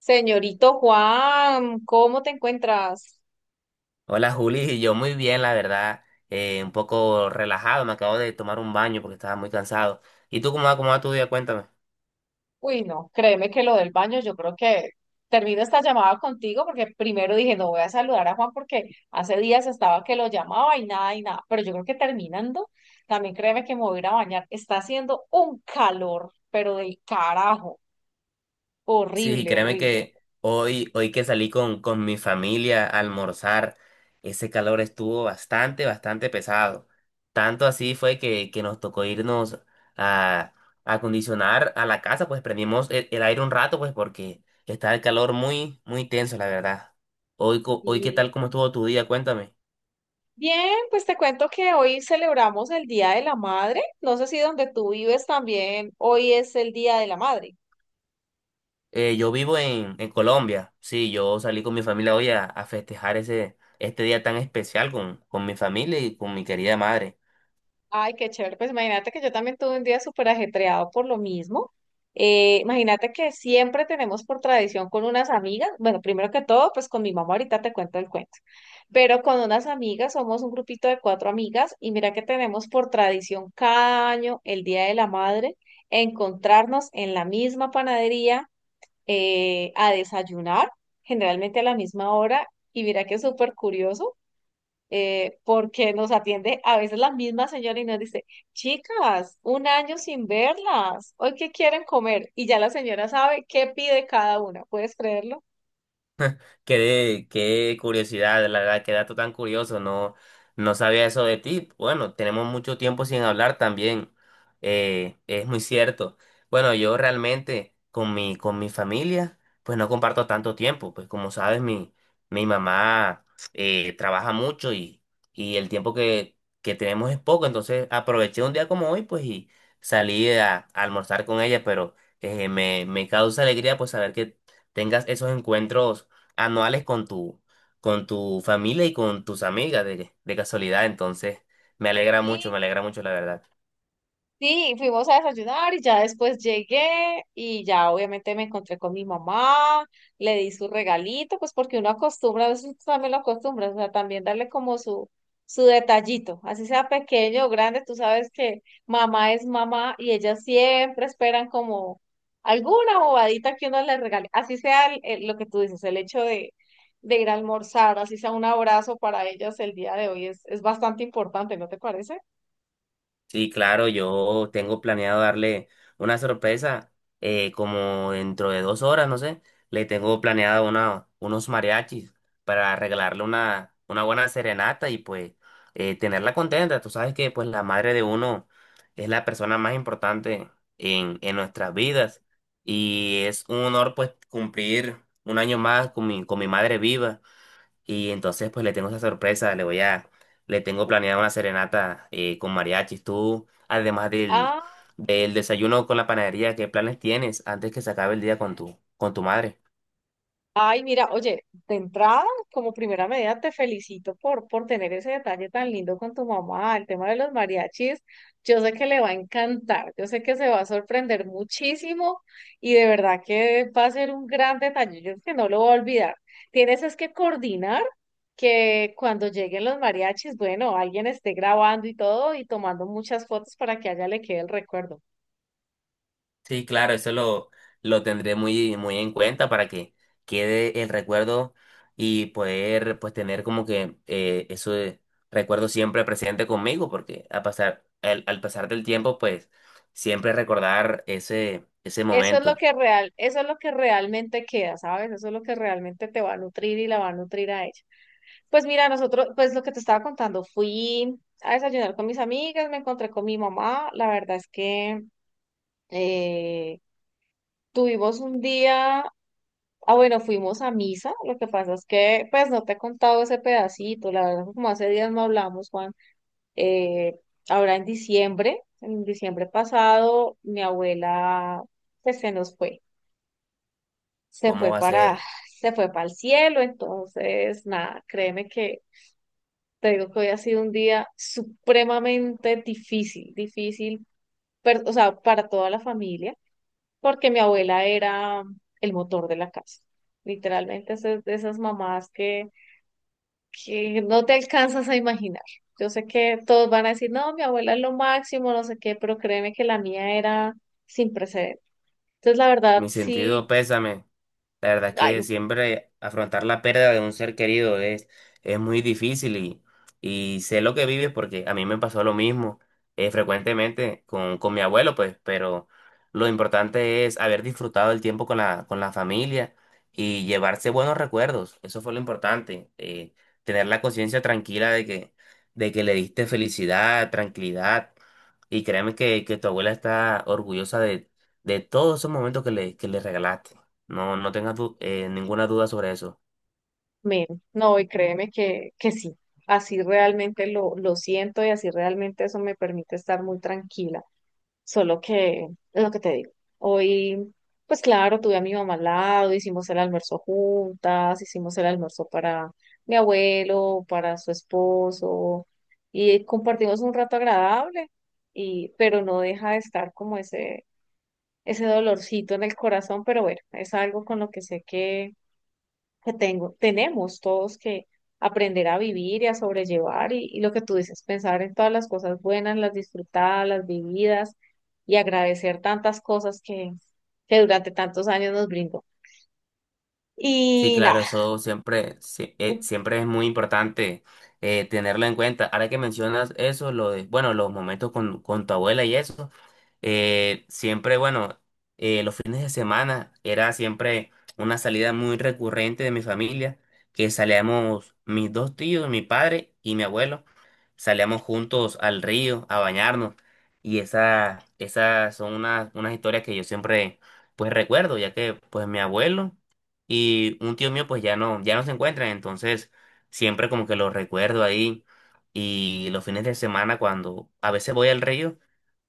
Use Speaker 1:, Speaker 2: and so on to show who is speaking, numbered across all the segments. Speaker 1: Señorito Juan, ¿cómo te encuentras?
Speaker 2: Hola Juli, yo muy bien, la verdad, un poco relajado, me acabo de tomar un baño porque estaba muy cansado. ¿Y tú cómo va tu día? Cuéntame.
Speaker 1: Uy, no, créeme que lo del baño, yo creo que termino esta llamada contigo porque primero dije, no voy a saludar a Juan porque hace días estaba que lo llamaba y nada, pero yo creo que terminando, también créeme que me voy a ir a bañar. Está haciendo un calor, pero del carajo,
Speaker 2: Sí,
Speaker 1: horrible,
Speaker 2: créeme
Speaker 1: horrible.
Speaker 2: que hoy que salí con mi familia a almorzar, ese calor estuvo bastante pesado. Tanto así fue que nos tocó irnos a a acondicionar a la casa, pues prendimos el aire un rato, pues porque está el calor muy tenso, la verdad. Hoy, ¿qué
Speaker 1: Y
Speaker 2: tal, cómo estuvo tu día? Cuéntame.
Speaker 1: bien, pues te cuento que hoy celebramos el Día de la Madre. No sé si donde tú vives también, hoy es el Día de la Madre.
Speaker 2: Yo vivo en Colombia, sí, yo salí con mi familia hoy a festejar este día tan especial con mi familia y con mi querida madre.
Speaker 1: Ay, qué chévere. Pues imagínate que yo también tuve un día súper ajetreado por lo mismo. Imagínate que siempre tenemos por tradición con unas amigas, bueno, primero que todo, pues con mi mamá ahorita te cuento el cuento, pero con unas amigas, somos un grupito de cuatro amigas y mira que tenemos por tradición cada año, el Día de la Madre, encontrarnos en la misma panadería a desayunar, generalmente a la misma hora, y mira que es súper curioso porque nos atiende a veces la misma señora y nos dice, chicas, un año sin verlas, hoy qué quieren comer. Y ya la señora sabe qué pide cada una, ¿puedes creerlo?
Speaker 2: Qué curiosidad, la verdad, qué dato tan curioso, no, no sabía eso de ti. Bueno, tenemos mucho tiempo sin hablar también, es muy cierto. Bueno, yo realmente con mi familia, pues no comparto tanto tiempo, pues como sabes, mi mamá trabaja mucho y el tiempo que tenemos es poco, entonces aproveché un día como hoy, pues y salí a almorzar con ella, pero me causa alegría pues saber que tengas esos encuentros anuales con tu familia y con tus amigas de casualidad. Entonces,
Speaker 1: Sí,
Speaker 2: me alegra mucho, la verdad.
Speaker 1: sí, fuimos a desayunar y ya después llegué y ya obviamente me encontré con mi mamá, le di su regalito, pues porque uno acostumbra, a veces también lo acostumbra, o sea, también darle como su detallito, así sea pequeño o grande, tú sabes que mamá es mamá y ellas siempre esperan como alguna bobadita que uno les regale, así sea lo que tú dices, el hecho de ir a almorzar, así sea un abrazo para ellas el día de hoy es bastante importante, ¿no te parece?
Speaker 2: Sí, claro, yo tengo planeado darle una sorpresa como dentro de 2 horas, no sé. Le tengo planeado unos mariachis para regalarle una buena serenata y pues tenerla contenta. Tú sabes que pues la madre de uno es la persona más importante en nuestras vidas y es un honor pues cumplir un año más con mi madre viva. Y entonces pues le tengo esa sorpresa, le tengo planeada una serenata con mariachis. Tú, además del,
Speaker 1: Ah,
Speaker 2: del desayuno con la panadería, ¿qué planes tienes antes que se acabe el día con tu madre?
Speaker 1: ay, mira, oye, de entrada, como primera medida, te felicito por tener ese detalle tan lindo con tu mamá, el tema de los mariachis. Yo sé que le va a encantar, yo sé que se va a sorprender muchísimo y de verdad que va a ser un gran detalle, yo que no lo voy a olvidar. Tienes es que coordinar que cuando lleguen los mariachis, bueno, alguien esté grabando y todo y tomando muchas fotos para que a ella le quede el recuerdo.
Speaker 2: Sí, claro, eso lo tendré muy en cuenta para que quede el recuerdo y poder pues tener como que eso de recuerdo siempre presente conmigo, porque al pasar del tiempo, pues siempre recordar ese momento,
Speaker 1: Eso es lo que realmente queda, ¿sabes? Eso es lo que realmente te va a nutrir y la va a nutrir a ella. Pues mira, nosotros, pues lo que te estaba contando, fui a desayunar con mis amigas, me encontré con mi mamá, la verdad es que eh, tuvimos un día, ah bueno, fuimos a misa, lo que pasa es que pues no te he contado ese pedacito, la verdad como hace días no hablamos, Juan, eh, ahora en diciembre pasado, mi abuela pues se nos fue. se
Speaker 2: cómo
Speaker 1: fue
Speaker 2: va a
Speaker 1: para,
Speaker 2: ser.
Speaker 1: Se fue para el cielo, entonces, nada, créeme que te digo que hoy ha sido un día supremamente difícil, difícil, o sea, para toda la familia, porque mi abuela era el motor de la casa, literalmente es de esas mamás que no te alcanzas a imaginar. Yo sé que todos van a decir, no, mi abuela es lo máximo, no sé qué, pero créeme que la mía era sin precedentes. Entonces, la verdad,
Speaker 2: Mi
Speaker 1: sí.
Speaker 2: sentido pésame. La verdad es
Speaker 1: Ay,
Speaker 2: que siempre afrontar la pérdida de un ser querido es muy difícil y sé lo que vives porque a mí me pasó lo mismo frecuentemente con mi abuelo, pues, pero lo importante es haber disfrutado el tiempo con la familia y llevarse buenos recuerdos. Eso fue lo importante. Tener la conciencia tranquila de que, le diste felicidad, tranquilidad. Y créeme que tu abuela está orgullosa de todos esos momentos que le regalaste. No, no tengas ninguna duda sobre eso.
Speaker 1: men, no, y créeme que sí, así realmente lo siento y así realmente eso me permite estar muy tranquila. Solo que, es lo que te digo, hoy, pues claro, tuve a mi mamá al lado, hicimos el almuerzo juntas, hicimos el almuerzo para mi abuelo, para su esposo, y compartimos un rato agradable, y, pero no deja de estar como ese dolorcito en el corazón, pero bueno, es algo con lo que sé que tenemos todos que aprender a vivir y a sobrellevar y lo que tú dices, pensar en todas las cosas buenas, las disfrutadas, las vividas y agradecer tantas cosas que durante tantos años nos brindó.
Speaker 2: Sí,
Speaker 1: Y
Speaker 2: claro,
Speaker 1: nada,
Speaker 2: eso siempre, sí,
Speaker 1: uf,
Speaker 2: siempre es muy importante tenerlo en cuenta. Ahora que mencionas eso, lo de, bueno, los momentos con tu abuela y eso, siempre, bueno, los fines de semana era siempre una salida muy recurrente de mi familia, que salíamos mis dos tíos, mi padre y mi abuelo, salíamos juntos al río a bañarnos y esas son unas historias que yo siempre, pues, recuerdo, ya que, pues, mi abuelo y un tío mío pues ya no se encuentran, entonces siempre como que lo recuerdo ahí y los fines de semana cuando a veces voy al río,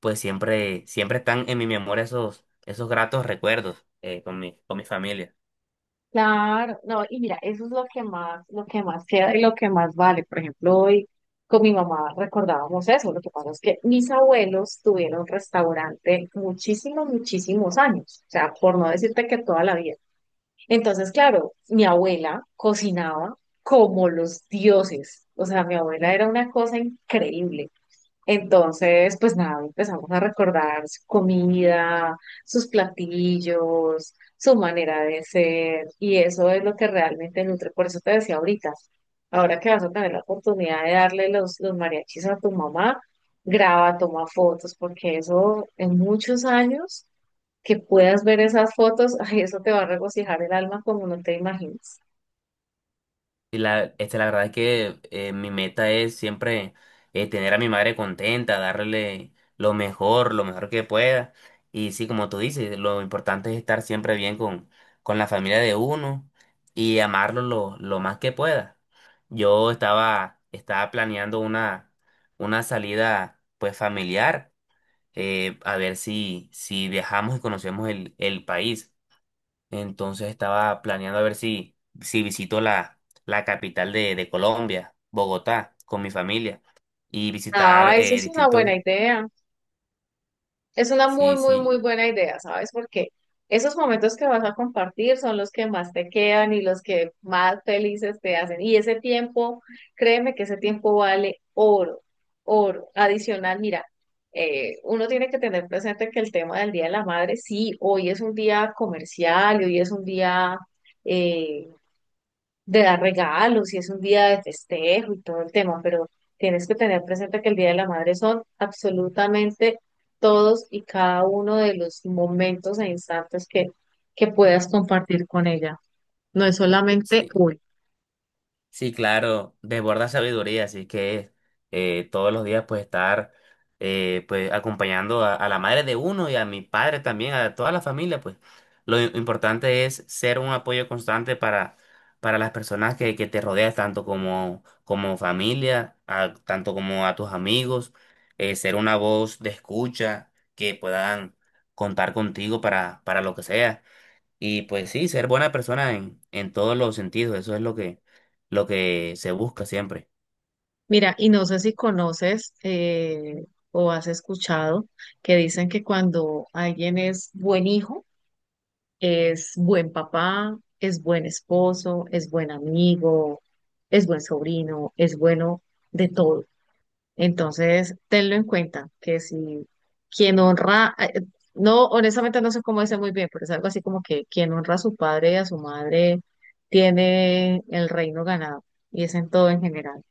Speaker 2: pues siempre están en mi memoria esos gratos recuerdos con mi familia.
Speaker 1: claro, no, y mira, eso es lo que más queda y lo que más vale. Por ejemplo, hoy con mi mamá recordábamos eso, lo que pasa es que mis abuelos tuvieron restaurante muchísimos, muchísimos años, o sea, por no decirte que toda la vida. Entonces, claro, mi abuela cocinaba como los dioses. O sea, mi abuela era una cosa increíble. Entonces, pues nada, empezamos a recordar su comida, sus platillos, su manera de ser, y eso es lo que realmente nutre. Por eso te decía ahorita, ahora que vas a tener la oportunidad de darle los mariachis a tu mamá, graba, toma fotos, porque eso en muchos años que puedas ver esas fotos, ay, eso te va a regocijar el alma como no te imaginas.
Speaker 2: Y la verdad es que mi meta es siempre tener a mi madre contenta, darle lo mejor que pueda. Y sí, como tú dices, lo importante es estar siempre bien con la familia de uno y amarlo lo más que pueda. Yo estaba planeando una salida pues familiar, a ver si viajamos y conocemos el país. Entonces estaba planeando a ver si visito la capital de Colombia, Bogotá, con mi familia y visitar
Speaker 1: Ah, eso es una buena
Speaker 2: distintos.
Speaker 1: idea. Es una muy,
Speaker 2: Sí,
Speaker 1: muy,
Speaker 2: sí,
Speaker 1: muy buena idea, ¿sabes? Porque esos momentos que vas a compartir son los que más te quedan y los que más felices te hacen. Y ese tiempo, créeme que ese tiempo vale oro, oro. Adicional, mira, uno tiene que tener presente que el tema del Día de la Madre, sí, hoy es un día comercial y hoy es un día, eh, de dar regalos y es un día de festejo y todo el tema, pero tienes que tener presente que el Día de la Madre son absolutamente todos y cada uno de los momentos e instantes que puedas compartir con ella. No es solamente
Speaker 2: sí.
Speaker 1: hoy.
Speaker 2: Sí, claro, desborda sabiduría, así que todos los días pues estar pues acompañando a la madre de uno y a mi padre también, a toda la familia, pues importante es ser un apoyo constante para las personas que te rodeas, tanto como familia, tanto como a tus amigos, ser una voz de escucha que puedan contar contigo para lo que sea. Y pues sí, ser buena persona en todos los sentidos, eso es lo que se busca siempre.
Speaker 1: Mira, y no sé si conoces o has escuchado que dicen que cuando alguien es buen hijo, es buen papá, es buen esposo, es buen amigo, es buen sobrino, es bueno de todo. Entonces, tenlo en cuenta, que si quien honra, no, honestamente no sé cómo dice muy bien, pero es algo así como que quien honra a su padre y a su madre tiene el reino ganado, y es en todo en general.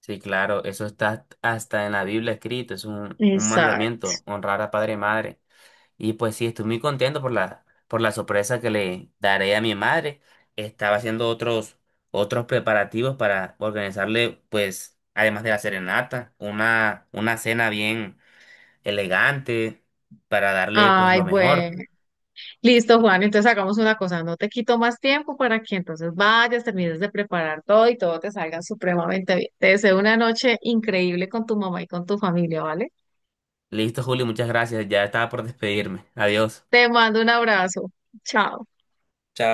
Speaker 2: Sí, claro, eso está hasta en la Biblia escrito, es un
Speaker 1: Exacto.
Speaker 2: mandamiento, honrar a padre y madre. Y pues sí, estoy muy contento por la sorpresa que le daré a mi madre. Estaba haciendo otros preparativos para organizarle, pues, además de la serenata, una cena bien elegante para darle pues
Speaker 1: Ay,
Speaker 2: lo mejor.
Speaker 1: bueno. Listo, Juan, entonces hagamos una cosa, no te quito más tiempo para que entonces vayas, termines de preparar todo y todo te salga supremamente bien. Te deseo una noche increíble con tu mamá y con tu familia, ¿vale?
Speaker 2: Listo, Julio, muchas gracias. Ya estaba por despedirme. Adiós.
Speaker 1: Te mando un abrazo. Chao.
Speaker 2: Chao.